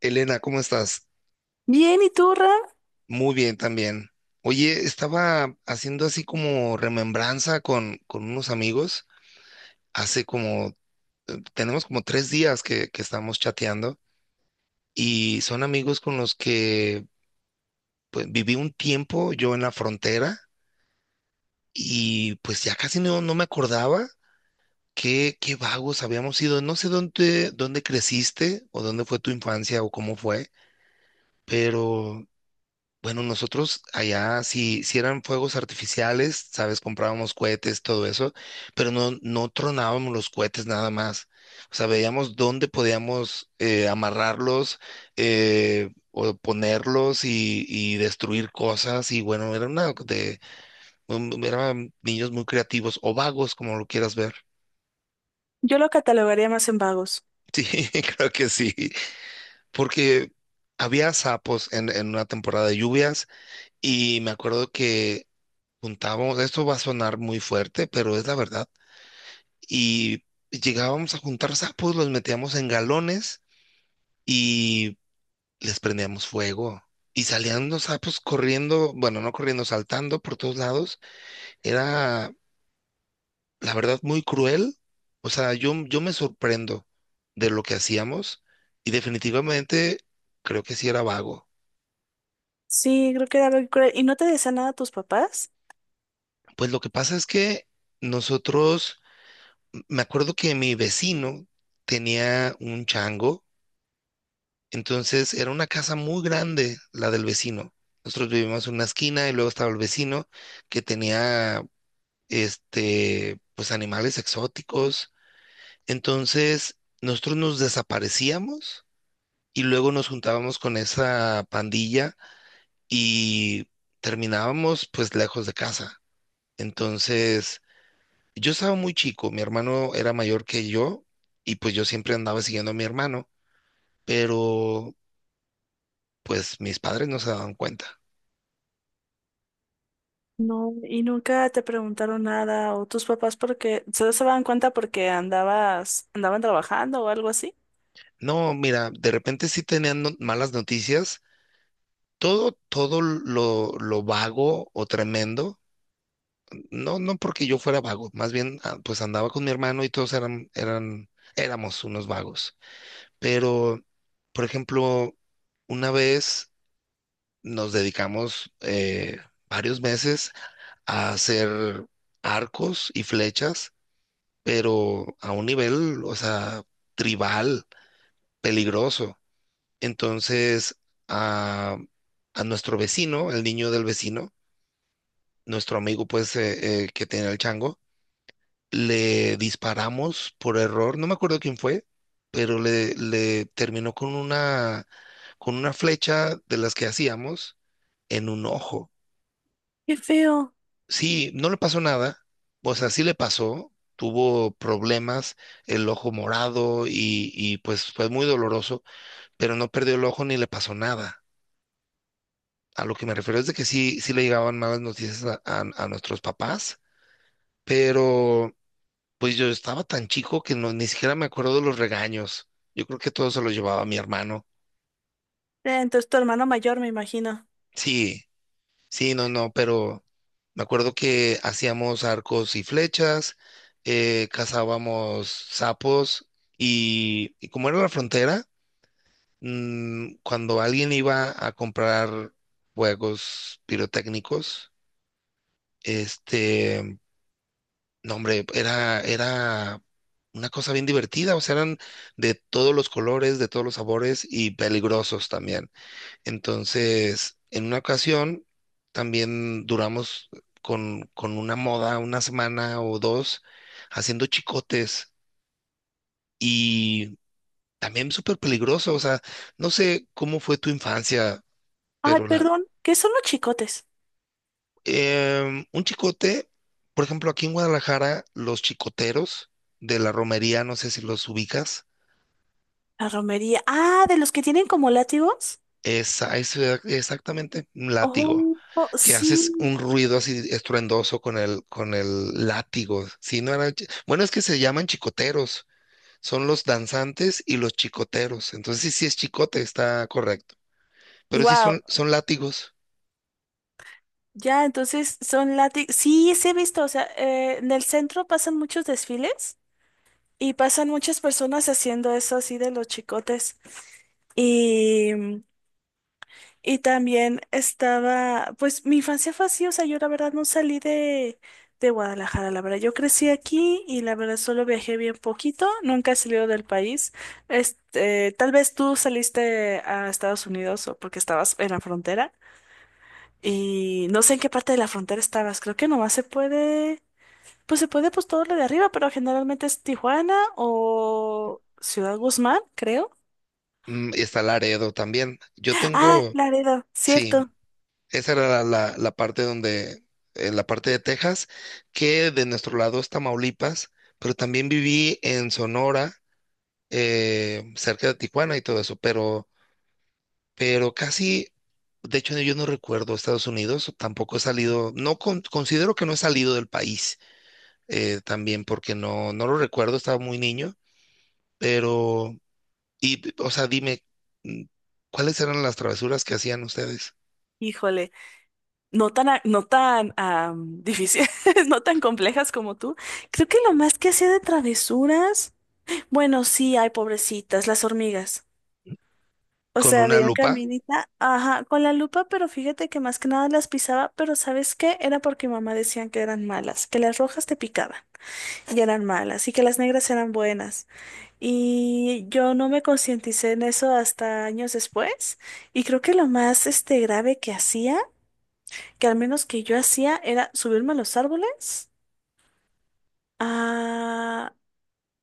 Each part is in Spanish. Elena, ¿cómo estás? Bien, ¿y tú, Ram? Muy bien también. Oye, estaba haciendo así como remembranza con unos amigos. Hace como, tenemos como 3 días que estamos chateando y son amigos con los que pues, viví un tiempo yo en la frontera y pues ya casi no me acordaba qué vagos habíamos sido. No sé dónde creciste o dónde fue tu infancia o cómo fue, pero bueno, nosotros allá, si eran fuegos artificiales, sabes, comprábamos cohetes, todo eso, pero no tronábamos los cohetes nada más. O sea, veíamos dónde podíamos amarrarlos o ponerlos y destruir cosas. Y bueno, eran niños muy creativos o vagos, como lo quieras ver. Yo lo catalogaría más en vagos. Sí, creo que sí, porque había sapos en una temporada de lluvias y me acuerdo que juntábamos, esto va a sonar muy fuerte, pero es la verdad. Y llegábamos a juntar sapos, los metíamos en galones y les prendíamos fuego. Y salían los sapos corriendo, bueno, no corriendo, saltando por todos lados. Era, la verdad, muy cruel. O sea, yo me sorprendo de lo que hacíamos y definitivamente creo que sí era vago. Sí, creo que era algo cruel. ¿Y no te decían nada tus papás? Pues lo que pasa es que nosotros, me acuerdo que mi vecino tenía un chango. Entonces era una casa muy grande, la del vecino. Nosotros vivíamos en una esquina y luego estaba el vecino que tenía, pues animales exóticos. Entonces nosotros nos desaparecíamos y luego nos juntábamos con esa pandilla y terminábamos pues lejos de casa. Entonces yo estaba muy chico, mi hermano era mayor que yo y pues yo siempre andaba siguiendo a mi hermano, pero pues mis padres no se daban cuenta. No, y nunca te preguntaron nada o tus papás porque se daban cuenta porque andabas, andaban trabajando o algo así. No, mira, de repente sí tenían malas noticias. Todo lo vago o tremendo, no, no porque yo fuera vago, más bien pues andaba con mi hermano y todos éramos unos vagos. Pero, por ejemplo, una vez nos dedicamos varios meses a hacer arcos y flechas, pero a un nivel, o sea, tribal, peligroso. Entonces, a, a nuestro vecino, el niño del vecino, nuestro amigo, pues, que tenía el chango, le disparamos por error, no me acuerdo quién fue, pero le terminó con una, flecha de las que hacíamos en un ojo. Qué feo. Sí, no le pasó nada, o sea, sí le pasó, tuvo problemas, el ojo morado y pues fue muy doloroso, pero no perdió el ojo ni le pasó nada. A lo que me refiero es de que sí, sí le llegaban malas noticias a nuestros papás, pero pues yo estaba tan chico que no, ni siquiera me acuerdo de los regaños. Yo creo que todo se lo llevaba mi hermano. Entonces tu hermano mayor, me imagino. Sí, sí, no, no, pero me acuerdo que hacíamos arcos y flechas, cazábamos sapos y como era la frontera, cuando alguien iba a comprar juegos pirotécnicos, este no, hombre, era una cosa bien divertida, o sea, eran de todos los colores, de todos los sabores y peligrosos también. Entonces, en una ocasión, también duramos con una moda, una semana o dos, haciendo chicotes y también súper peligroso, o sea, no sé cómo fue tu infancia, Ay, pero la, perdón, ¿qué son los chicotes? Un chicote, por ejemplo, aquí en Guadalajara, los chicoteros de la romería, no sé si los ubicas. La romería. Ah, de los que tienen como látigos. Eso era exactamente, un látigo, Oh, oh, que haces sí. un ruido así estruendoso con el, látigo. Si no era, bueno, es que se llaman chicoteros, son los danzantes y los chicoteros. Entonces sí, sí es chicote, está correcto. Pero sí son, Wow. son látigos. Ya, entonces son látigos. Sí, sí he visto. O sea, en el centro pasan muchos desfiles. Y pasan muchas personas haciendo eso así de los chicotes. Y, y también estaba, pues mi infancia fue así, o sea, yo la verdad no salí de Guadalajara, la verdad, yo crecí aquí y la verdad solo viajé bien poquito, nunca he salido del país. Este, tal vez tú saliste a Estados Unidos o porque estabas en la frontera y no sé en qué parte de la frontera estabas, creo que nomás se puede pues todo lo de arriba, pero generalmente es Tijuana o Ciudad Guzmán, creo. Mm, y está Laredo también. Yo Ah, tengo, Laredo, sí, cierto. esa era la, la parte donde, en la parte de Texas, que de nuestro lado es Tamaulipas, pero también viví en Sonora cerca de Tijuana y todo eso, pero casi, de hecho yo no recuerdo Estados Unidos, tampoco he salido, considero que no he salido del país también porque no lo recuerdo, estaba muy niño, pero, y, o sea, dime, mm, ¿cuáles eran las travesuras que hacían ustedes? Híjole, no tan, no tan difíciles, no tan complejas como tú. Creo que lo más que hacía de travesuras, bueno, sí, hay pobrecitas, las hormigas. O ¿Con sea, una veía un lupa? caminita, ajá, con la lupa, pero fíjate que más que nada las pisaba, pero ¿sabes qué? Era porque mamá decían que eran malas, que las rojas te picaban y eran malas, y que las negras eran buenas. Y yo no me concienticé en eso hasta años después. Y creo que lo más este, grave que hacía, que al menos que yo hacía, era subirme a los árboles. ah,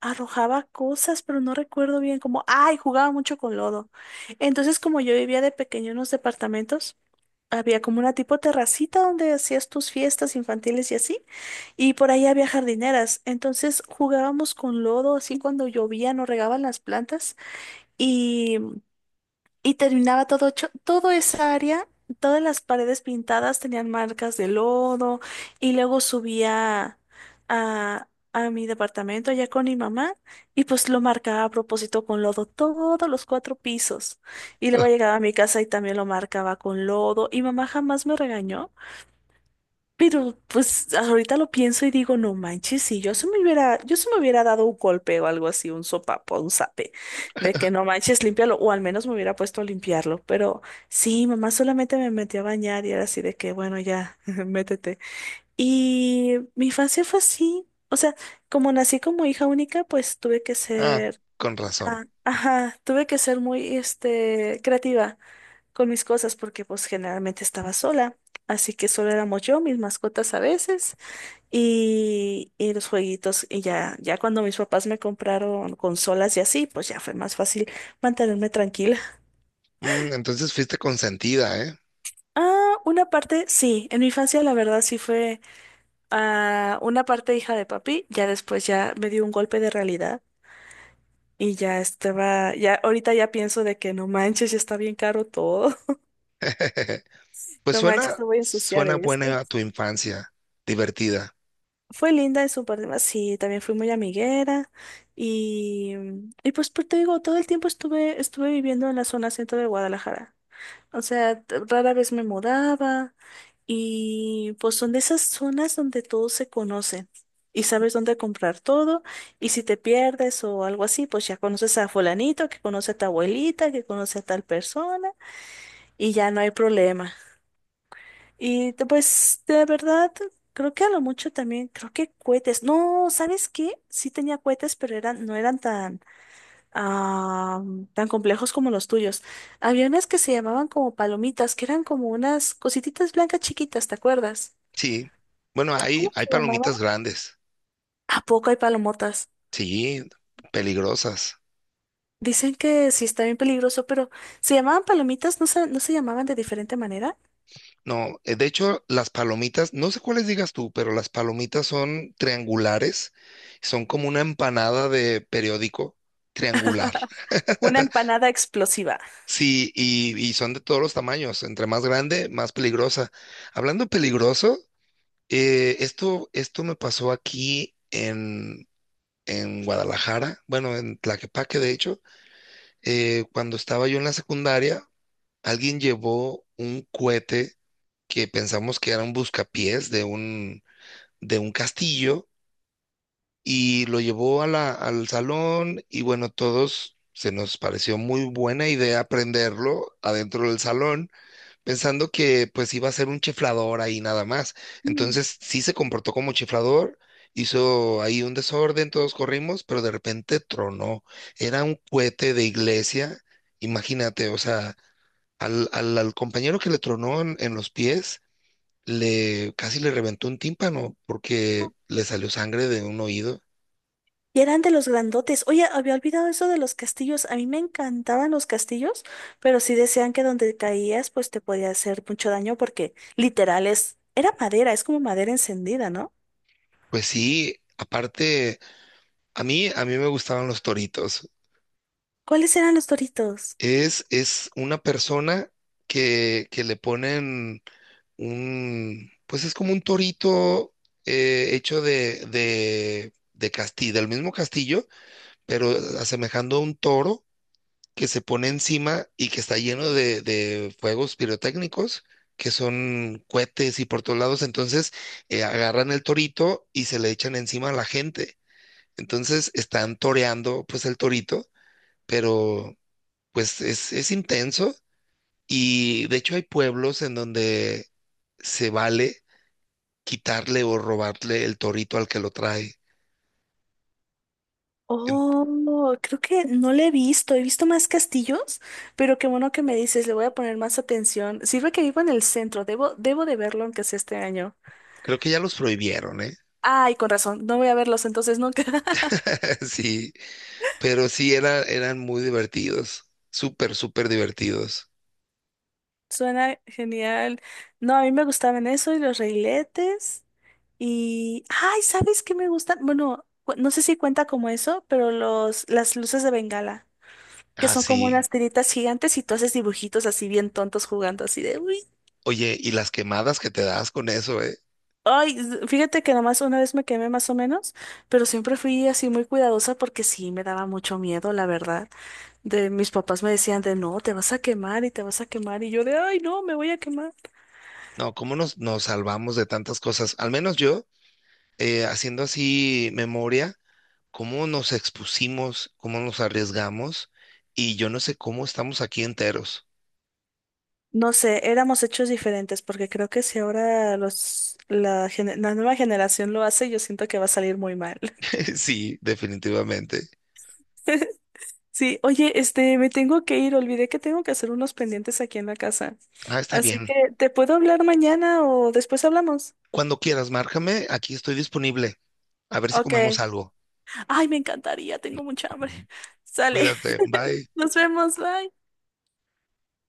Arrojaba cosas, pero no recuerdo bien como, ay, jugaba mucho con lodo. Entonces, como yo vivía de pequeño en unos departamentos, había como una tipo terracita donde hacías tus fiestas infantiles y así. Y por ahí había jardineras. Entonces jugábamos con lodo, así cuando llovían o regaban las plantas. y Y terminaba todo hecho, toda esa área, todas las paredes pintadas tenían marcas de lodo. Y luego subía a, a mi departamento allá con mi mamá y pues lo marcaba a propósito con lodo todos los cuatro pisos. Y luego llegaba a mi casa y también lo marcaba con lodo. Y mamá jamás me regañó, pero pues ahorita lo pienso y digo, no manches, si yo se me hubiera dado un golpe o algo así, un sopapo, un zape, de que no manches, límpialo, o al menos me hubiera puesto a limpiarlo. Pero sí, mamá solamente me metió a bañar y era así de que, bueno, ya, métete. Y mi infancia fue así. O sea, como nací como hija única, pues Ah, con razón. Ajá, tuve que ser muy, este, creativa con mis cosas porque pues generalmente estaba sola. Así que solo éramos yo, mis mascotas a veces y los jueguitos. Y ya, ya cuando mis papás me compraron consolas y así, pues ya fue más fácil mantenerme tranquila. Mm, entonces fuiste consentida, ¿eh? Ah, una parte, sí, en mi infancia la verdad sí fue una parte hija de papi, ya después ya me dio un golpe de realidad y ya estaba, ya ahorita ya pienso de que no manches, ya está bien caro todo, Pues no manches, suena, no voy a ensuciar suena esto. buena tu infancia, divertida. Fue linda en su parte, más, sí, también fui muy amiguera y, y pues, pues te digo, todo el tiempo estuve, estuve viviendo en la zona centro de Guadalajara. O sea, rara vez me mudaba y pues son de esas zonas donde todos se conocen y sabes dónde comprar todo y si te pierdes o algo así, pues ya conoces a fulanito que conoce a tu abuelita, que conoce a tal persona y ya no hay problema. Pues de verdad, creo que a lo mucho también, creo que cohetes. No, ¿sabes qué? Sí tenía cohetes, pero eran, no eran tan, ah, tan complejos como los tuyos. Había unas que se llamaban como palomitas, que eran como unas cosititas blancas chiquitas, ¿te acuerdas? Sí, bueno, hay, ¿Cómo hay se llamaban? palomitas grandes, ¿A poco hay palomotas? sí, peligrosas. Dicen que sí está bien peligroso, pero se llamaban palomitas, no se, no se llamaban de diferente manera. No, de hecho, las palomitas, no sé cuáles digas tú, pero las palomitas son triangulares, son como una empanada de periódico triangular. Una empanada explosiva. Sí, y son de todos los tamaños, entre más grande, más peligrosa. Hablando peligroso, esto me pasó aquí en Guadalajara, bueno, en Tlaquepaque, de hecho, cuando estaba yo en la secundaria alguien llevó un cohete que pensamos que era un buscapiés de un castillo y lo llevó al salón y bueno, todos se nos pareció muy buena idea prenderlo adentro del salón, pensando que pues iba a ser un chiflador ahí nada más. Mm. Entonces sí se comportó como chiflador. Hizo ahí un desorden, todos corrimos, pero de repente tronó. Era un cohete de iglesia, imagínate, o sea, al compañero que le tronó en los pies, le casi le reventó un tímpano porque le salió sangre de un oído. Y eran de los grandotes. Oye, había olvidado eso de los castillos. A mí me encantaban los castillos, pero sí decían que donde caías, pues te podía hacer mucho daño porque literal es, era madera, es como madera encendida, ¿no? Pues sí, aparte, a mí me gustaban los toritos. ¿Cuáles eran los doritos? Es una persona que le ponen pues es como un torito hecho de castillo, del mismo castillo, pero asemejando a un toro que se pone encima y que está lleno de fuegos pirotécnicos, que son cohetes y por todos lados. Entonces agarran el torito y se le echan encima a la gente. Entonces están toreando pues el torito, pero pues es intenso y de hecho hay pueblos en donde se vale quitarle o robarle el torito al que lo trae. En- Oh, creo que no le he visto. He visto más castillos, pero qué bueno que me dices, le voy a poner más atención. Sirve que vivo en el centro, debo, debo de verlo aunque sea este año. Creo que ya los prohibieron, ¿eh? Ay, con razón, no voy a verlos entonces nunca. Sí. Pero sí, eran muy divertidos, súper, súper divertidos. Suena genial. No, a mí me gustaban eso y los reiletes. Y, ay, ¿sabes qué me gustan? Bueno, no sé si cuenta como eso, pero los, las luces de Bengala, que Ah, son como sí. unas tiritas gigantes y tú haces dibujitos así bien tontos jugando así de, uy. Oye, y las quemadas que te das con eso, ¿eh? Ay, fíjate que nomás una vez me quemé más o menos, pero siempre fui así muy cuidadosa porque sí me daba mucho miedo, la verdad. De mis papás me decían de, no, te vas a quemar y te vas a quemar y yo de, ay, no, me voy a quemar. No, ¿cómo nos salvamos de tantas cosas? Al menos yo, haciendo así memoria, cómo nos expusimos, cómo nos arriesgamos, y yo no sé cómo estamos aquí enteros. No sé, éramos hechos diferentes, porque creo que si ahora los, la, la nueva generación lo hace, yo siento que va a salir muy mal. Sí, definitivamente. Sí, oye, este, me tengo que ir, olvidé que tengo que hacer unos pendientes aquí en la casa. Ah, está Así que, bien. ¿te puedo hablar mañana o después hablamos? Cuando quieras, márcame, aquí estoy disponible. A ver si Ok. comemos algo. Ay, me encantaría, tengo mucha hambre. Ujú. Sale, Cuídate, bye. nos vemos, bye.